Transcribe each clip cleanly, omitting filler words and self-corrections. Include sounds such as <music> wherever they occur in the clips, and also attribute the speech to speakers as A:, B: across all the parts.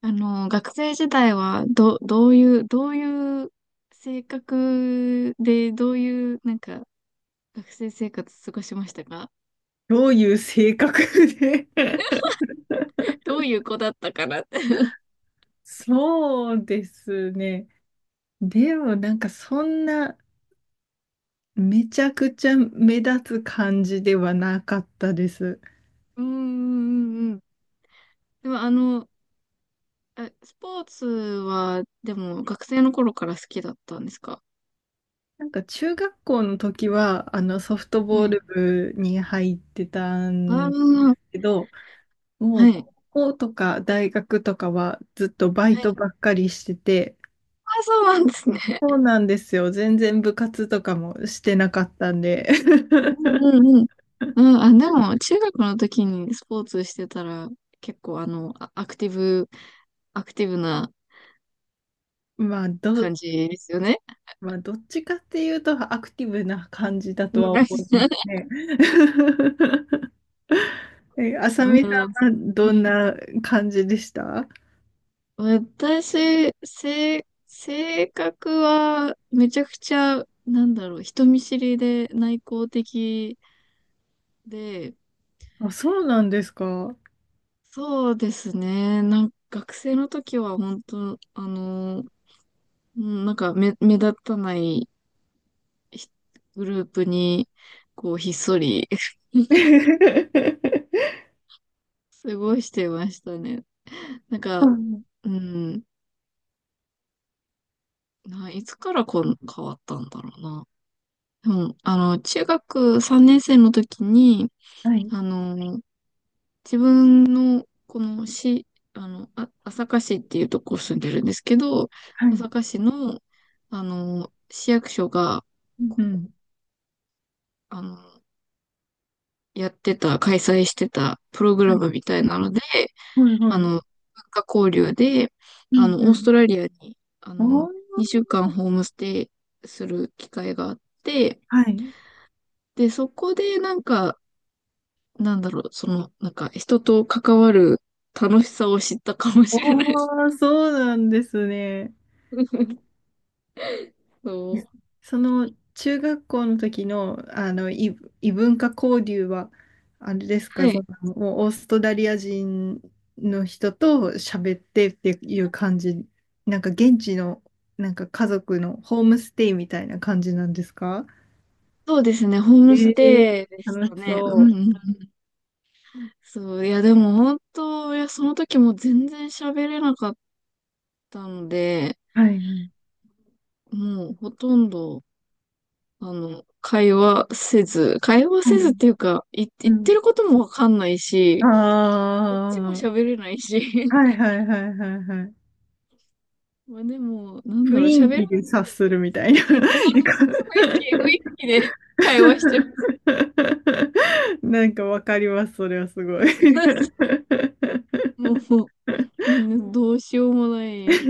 A: 学生時代は、どういう、どういう性格で、どういう、なんか、学生生活過ごしましたか？
B: どういう性格で。 <laughs>
A: どういう子だったかなって <laughs>
B: そうですね。でもなんかそんなめちゃくちゃ目立つ感じではなかったです。
A: うんうんうんうん。でも、スポーツは、でも、学生の頃から好きだったんですか？
B: なんか中学校の時はあのソフト
A: は
B: ボー
A: い。
B: ル部に入ってた
A: あ
B: ん
A: あ、
B: けど、も
A: は
B: う
A: い。
B: 高校とか大学とかはずっとバイ
A: はい。
B: トばっかりしてて、
A: あ、そうなんですね。
B: そうなんですよ。全然部活とかもしてなかったんで。
A: うんうんうん。うん、あ、でも、中学の時にスポーツしてたら、結構、アクティブ、アクティブな
B: <laughs> まあど、
A: 感じですよね。
B: まあ、どっちかっていうとアクティブな感じだ
A: う
B: とは
A: ん
B: 思いま
A: う
B: すね。<laughs> え、あさみさ
A: ん
B: んはどんな感じでした？
A: はい。私、性格はめちゃくちゃ、なんだろう、人見知りで内向的で、
B: あ、そうなんですか。
A: そうですね。なんか学生の時は本当、うんなんか目立たないひグループに、こう、ひっそり <laughs>
B: <laughs>
A: 過ごしてましたね。なん
B: う
A: か、
B: ん。
A: うん、ないつからこん変わったんだろうな。うん、中学3年生の時に、
B: はい、
A: あの、自分の、この市、朝霞市っていうとこ住んでるんですけど、
B: はい。
A: 朝霞市の、市役所が、
B: う
A: こう
B: ん。
A: あの、やってた、開催してたプログ
B: は
A: ラ
B: い、
A: ムみたいなので、
B: はい、はい。
A: 文化交流で、
B: うん、
A: オー
B: う
A: ス
B: ん。
A: トラリアに、
B: おー、
A: 2週間ホームステイする機会があって、
B: はい。
A: で、そこでなんか、なんだろう、その、なんか人と関わる楽しさを知ったかも
B: お
A: しれないです。
B: ー、そうなんですね。
A: <laughs> そう。
B: <laughs> その中学校の時の、あの、異文化交流は、あれです
A: は
B: か、そ
A: い。
B: の、もうオーストラリア人の人と喋ってっていう感じ、なんか現地の、なんか家族のホームステイみたいな感じなんですか？
A: そうですね、ホー
B: え
A: ムス
B: ー
A: テイでし
B: 楽
A: た
B: し
A: ね。うん
B: そ
A: うん。そう、いやでも本当、いや、その時も全然喋れなかったので、
B: う。はい。
A: もうほとんど、会話せず、会話
B: は
A: せずっ
B: い。
A: ていうか、
B: う
A: 言って
B: ん。
A: ることもわかんないし、こっちも
B: あ
A: 喋れないし、
B: あ、はいはいはいはいはい。
A: まあでも、なんだ
B: 雰
A: ろう、喋らな
B: 囲気
A: く
B: で察
A: て
B: するみたい
A: も、
B: な。<laughs>
A: 雰囲気、そうそうそう、雰囲気、雰囲気で会話してる。
B: <laughs> なんかわかります、それはすごい。<laughs>
A: もう、なんかどうしようもない。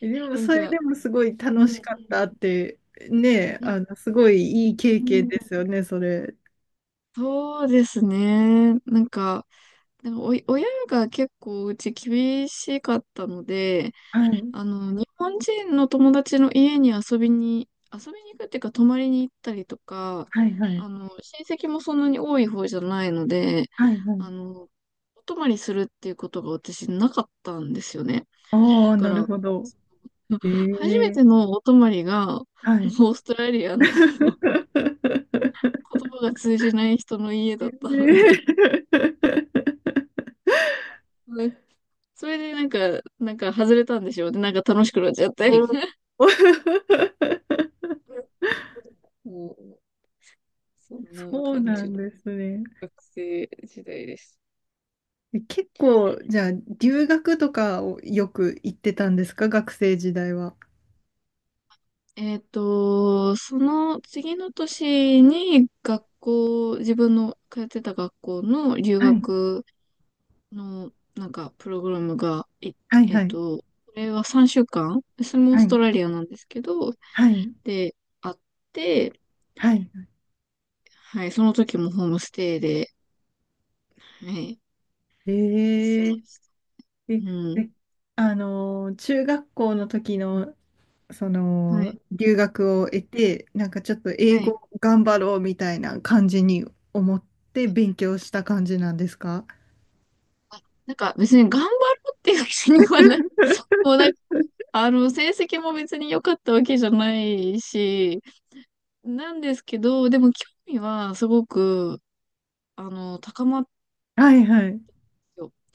B: でも、
A: なん
B: それ
A: か、
B: でもすごい
A: う
B: 楽し
A: ん、
B: かったって、ね、
A: うん、
B: あの、すごいいい経
A: う
B: 験
A: ん
B: ですよね、それ。
A: そうですね。なんか、なんかおい、親が結構うち厳しかったので、
B: はい、
A: 日本人の友達の家に遊びに行くっていうか、泊まりに行ったりとか、
B: はい、はい、
A: 親戚もそんなに多い方じゃないので、
B: はい、はい。
A: あの、お泊まりするっていうことが私なかったんですよね。
B: ああ、
A: だか
B: なる
A: ら、
B: ほど。え
A: <laughs> 初め
B: え、
A: てのお泊まりが、オ
B: はい。
A: ーストラリアの <laughs>
B: <laughs>
A: 言葉が通じない人の家だったの
B: え
A: で、
B: え
A: ねそれでなんか、なんか外れたんでしょうね。なんか楽しくなっちゃって。
B: お。 <laughs>
A: <laughs> もう、そんな
B: そう
A: 感
B: な
A: じ。
B: んですね。
A: 学生時代です。
B: 結構、じゃあ、留学とかをよく行ってたんですか学生時代は？
A: えっと、その次の年に学校、自分の通ってた学校の留
B: はい、
A: 学のなんかプログラムが、
B: はい
A: えっ
B: はい。
A: と、これは3週間、それもオー
B: は
A: ス
B: い、
A: トラリアなんですけど、
B: はい、
A: で、あって、
B: はい。
A: はい、その時もホームステイで、はい、
B: え
A: しま
B: え
A: した。
B: え、
A: うん。
B: え中学校の時の、そ
A: は
B: の、
A: い、
B: 留学を得て、なんかちょっと
A: は
B: 英
A: い。
B: 語頑張ろうみたいな感じに思って勉強した感じなんですか？
A: あ、なんか別に頑張ろうっていう気にはない。<laughs> もうなんか成績も別に良かったわけじゃないし、なんですけど、でも興味はすごく、高まって
B: はいはい。
A: よっ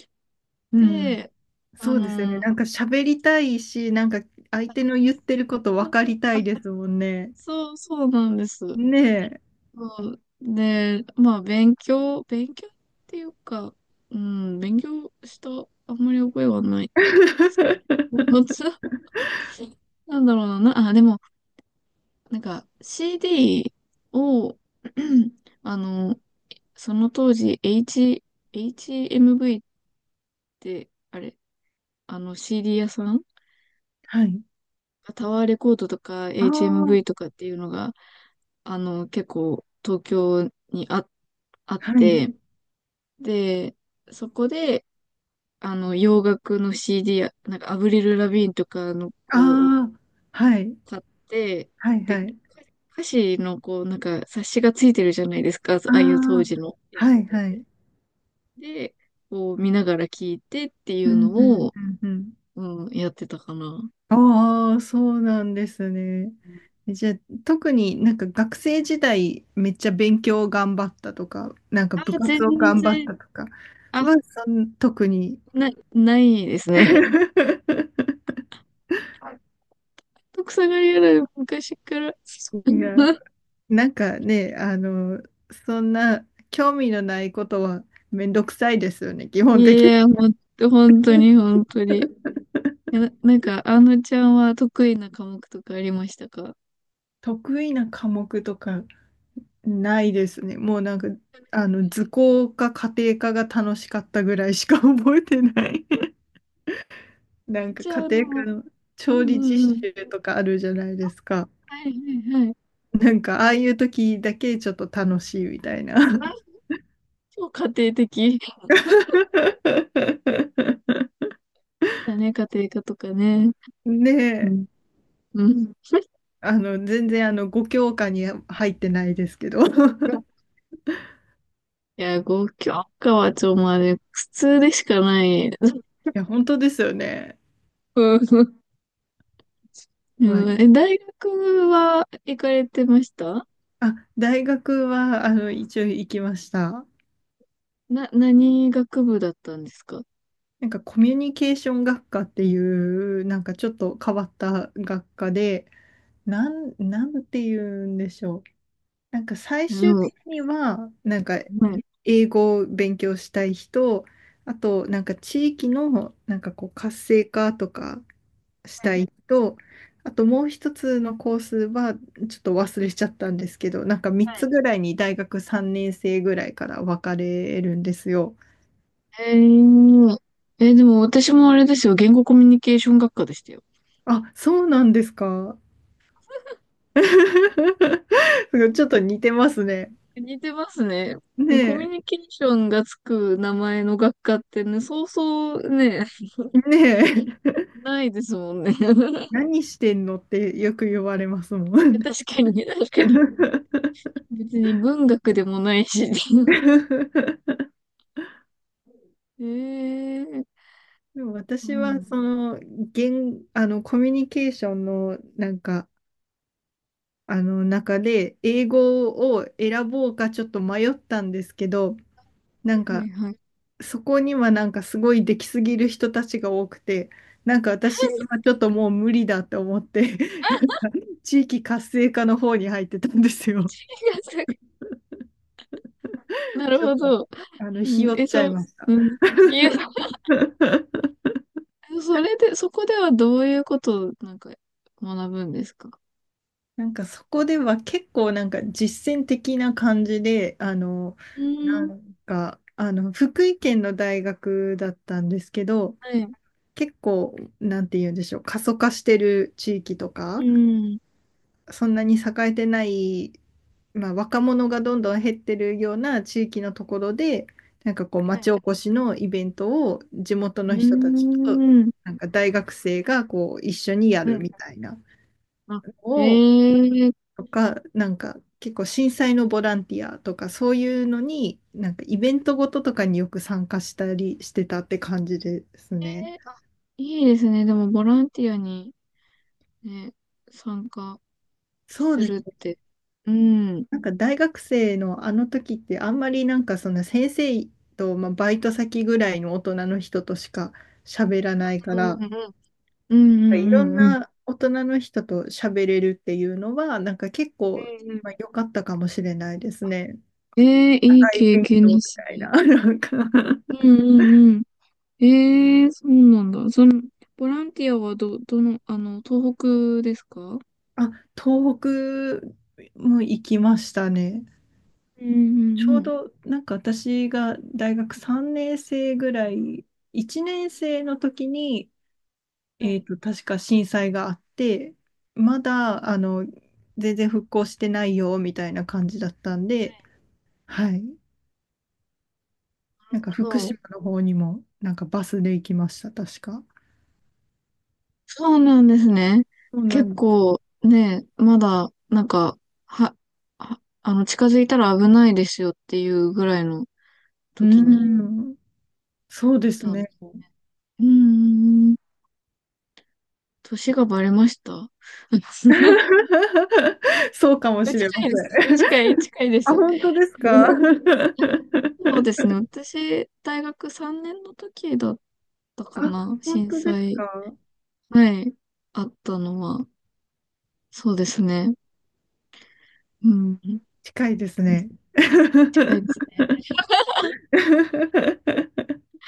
B: うん。
A: てあ
B: そうですよね。
A: の、
B: なんか喋りたいし、なんか相手の言ってること分かりた
A: あ、
B: いですもんね。
A: そう、そうなんです。
B: ねえ。
A: そうで、まあ、勉強、勉強っていうか、うん、勉強した、あんまり覚えはないですけど、もつ、なんだろうな、な、あ、でも、なんか、CD を、<clears throat> あの、その当時、HMV って、あれ、あの CD 屋さん
B: はい。
A: タワーレコードとか
B: あ
A: HMV
B: あ、
A: とかっていうのが、結構東京にあ、あっ
B: はい。
A: て、で、そこで、洋楽の CD や、なんかアブリル・ラビーンとかのを
B: ああ、はい。
A: 買って、
B: はいは
A: で、
B: い。
A: 歌詞のこう、なんか冊子がついてるじゃないですか、あ
B: あ
A: あいう当
B: あ、
A: 時のやつ
B: は
A: っ
B: い
A: て。
B: はい。
A: で、こう見ながら聞いてってい
B: う
A: う
B: んう
A: の
B: ん
A: を、
B: うんうん。
A: うん、やってたかな。
B: ああ、そうなんですね。
A: うん
B: じゃあ、特になんか学生時代めっちゃ勉強頑張ったとか、なんか
A: あ、
B: 部
A: 全
B: 活を頑張っ
A: 然、
B: たとか
A: あ、
B: は、特に。
A: ないですね。
B: <laughs>
A: とくさがりやる昔から。
B: いや、
A: <laughs>
B: なんかね、そんな興味のないことはめんどくさいですよね、基
A: い
B: 本的。
A: やいや、ほんと、本当に、本当に。なんか、あのちゃんは得意な科目とかありましたか？
B: 得意な科目とかないですね。もうなんか、図工か家庭科が楽しかったぐらいしか覚えてない。<laughs> なんか
A: じゃあ、あ
B: 家庭科
A: の、
B: の
A: うん
B: 調理
A: うんう
B: 実
A: ん。
B: 習とかあるじゃないですか。
A: はいはいはい。
B: なんか、ああいう時だけちょっと楽しいみたいな。
A: あ、超家庭的。
B: <laughs>
A: だね、家庭科とかね。
B: ね
A: う
B: え、
A: ん。うん。
B: 全然ご教科に入ってないですけど。<laughs> い
A: <laughs> いや、ご教科はちょ、まあね、普通でしかない。
B: や、本当ですよね。
A: うん
B: まあ、
A: うん、え、大学は行かれてました
B: あ、大学は、一応行きました。
A: 何学部だったんですか？
B: なんかコミュニケーション学科っていう、なんかちょっと変わった学科で、なんて言うんでしょう。なんか最
A: いや、で
B: 終
A: も、
B: 的には、なんか
A: はい、
B: 英語を勉強したい人、あとなんか地域のなんかこう活性化とかし
A: は
B: た
A: い、
B: い人、あともう一つのコースはちょっと忘れちゃったんですけど、なんか3
A: はい。
B: つぐらいに大学3年生ぐらいから分かれるんですよ。
A: えーえ、でも私もあれですよ、言語コミュニケーション学科でしたよ。
B: あ、そうなんですか。<laughs> すごいちょっと似てますね。
A: 似てますね。コミュ
B: ね
A: ニケーションがつく名前の学科ってね、そうそうね、
B: え、ねえ、
A: ないですもんね。<laughs>
B: <laughs> 何してんのってよく言われますもん。
A: 確かに、確かに。
B: <laughs>
A: 別に文学でもないし。<laughs> ええー
B: でも
A: う
B: 私
A: ん。
B: はそ
A: は
B: のあのコミュニケーションのなんかあの中で英語を選ぼうかちょっと迷ったんですけど、なん
A: いは
B: か
A: いはい。
B: そこにはなんかすごいできすぎる人たちが多くて、なんか私はちょっともう無理だと思って、地域活性化の方に入ってたんですよ。
A: <laughs> なる
B: ちょっ
A: ほ
B: と、
A: ど。う
B: ひ
A: ん、
B: よっ
A: え、
B: ちゃ
A: そ
B: い
A: う、
B: ました。
A: うん。いや、
B: <laughs>
A: それで、そこではどういうことをなんか学ぶんですか？
B: なんかそこでは結構なんか実践的な感じで、
A: うー
B: な
A: ん、
B: んか、福井県の大学だったんですけど、
A: はい、
B: 結構、なんて言うんでしょう、過疎化してる地域とか、
A: うん、
B: そんなに栄えてない、まあ、若者がどんどん減ってるような地域のところで、なんかこう、
A: は
B: 町
A: い、
B: おこしのイベントを地元
A: うー
B: の人たちと、
A: ん、
B: なんか大学生がこう、一緒にや
A: は
B: る
A: い。
B: みたいな。
A: あ、へ
B: を、
A: えー、え
B: とか、なんか結構震災のボランティアとかそういうのに、なんかイベントごととかによく参加したりしてたって感じですね。
A: いいですね。でも、ボランティアにね、参加
B: そう
A: す
B: です
A: るっ
B: ね。
A: て。うん、うん、
B: なんか大学生のあの時ってあんまりなんかその先生と、まあ、バイト先ぐらいの大人の人としか喋らないか
A: うん、
B: ら、
A: うん、う
B: い
A: ん、
B: ろ
A: う
B: ん
A: ん。うん
B: な大人の人と喋れるっていうのは、なんか結
A: う
B: 構、
A: ん
B: まあ、良かったかもしれないですね。
A: えー、いい
B: 高い
A: 経
B: 勉
A: 験
B: 強
A: で
B: み
A: す
B: たい
A: ね。
B: な、<laughs> なんか。
A: うん、うん、うん。ええそうなんだ。その、ボランティアはどの、あの、東北ですか？うん
B: あ、東北も行きましたね。
A: うん
B: ちょ
A: う
B: う
A: ん。
B: どなんか私が大学3年生ぐらい、1年生の時に、
A: はい、
B: 確か震災があって、まだ、全然復興してないよ、みたいな感じだったん
A: は
B: で、
A: い
B: はい。
A: なる
B: なんか
A: ほ
B: 福
A: ど。
B: 島の方にも、なんかバスで行きました、確か。
A: そうなんですね。
B: そうなん
A: 結
B: です。
A: 構ね、まだ、なんか、は、あの、近づいたら危ないですよっていうぐらいの
B: う
A: 時に
B: ーん、そう
A: 行
B: で
A: っ
B: す
A: たんで
B: ね。
A: す。うーん、年がバレました。<laughs>
B: <laughs> そうかもしれま
A: 近いです。
B: せん。
A: 近いで
B: あ、
A: す。
B: 本当ですか？
A: <laughs>
B: <laughs>
A: そうですね。私、大学3年の時だった
B: あ、
A: かな
B: 本
A: 震
B: 当です
A: 災。
B: か？
A: はい。あったのは。そうですね。うん。
B: 近いですね。
A: 近いですね。
B: <laughs>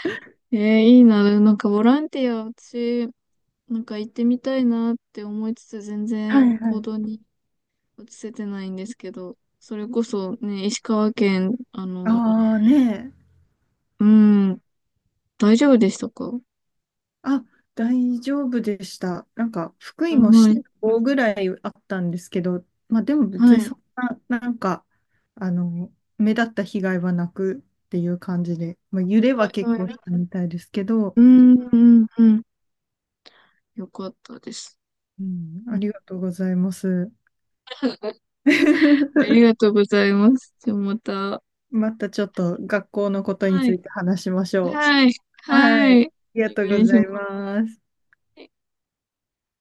A: えー、いいな。なんかボランティア、私、なんか行ってみたいなって思いつつ、全
B: は
A: 然
B: いは
A: 行
B: い。
A: 動に移せてないんですけど、それこそね、石川県、あの、
B: ああねえ。
A: うん、大丈夫でしたか？
B: あ、大丈夫でした。なんか、福
A: あ
B: 井も
A: はい。
B: 震
A: はい。
B: 度ぐらいあったんですけど、まあでも別に
A: は
B: そんな、なんか、目立った被害はなくっていう感じで、まあ、揺れは
A: い。
B: 結
A: は
B: 構した
A: い。
B: みたいですけど、
A: うん、うん、うん。よかったです。
B: うん、
A: う
B: あ
A: ん
B: りがとうございます。
A: あり
B: <laughs>
A: がとうございます。じゃあまた。
B: またちょっと学校のことに
A: は
B: つ
A: い。
B: いて話しましょ
A: はい。
B: う。
A: は
B: はい。
A: い。
B: あ
A: お
B: りがとう
A: 願
B: ご
A: いし
B: ざ
A: ま
B: います。
A: す。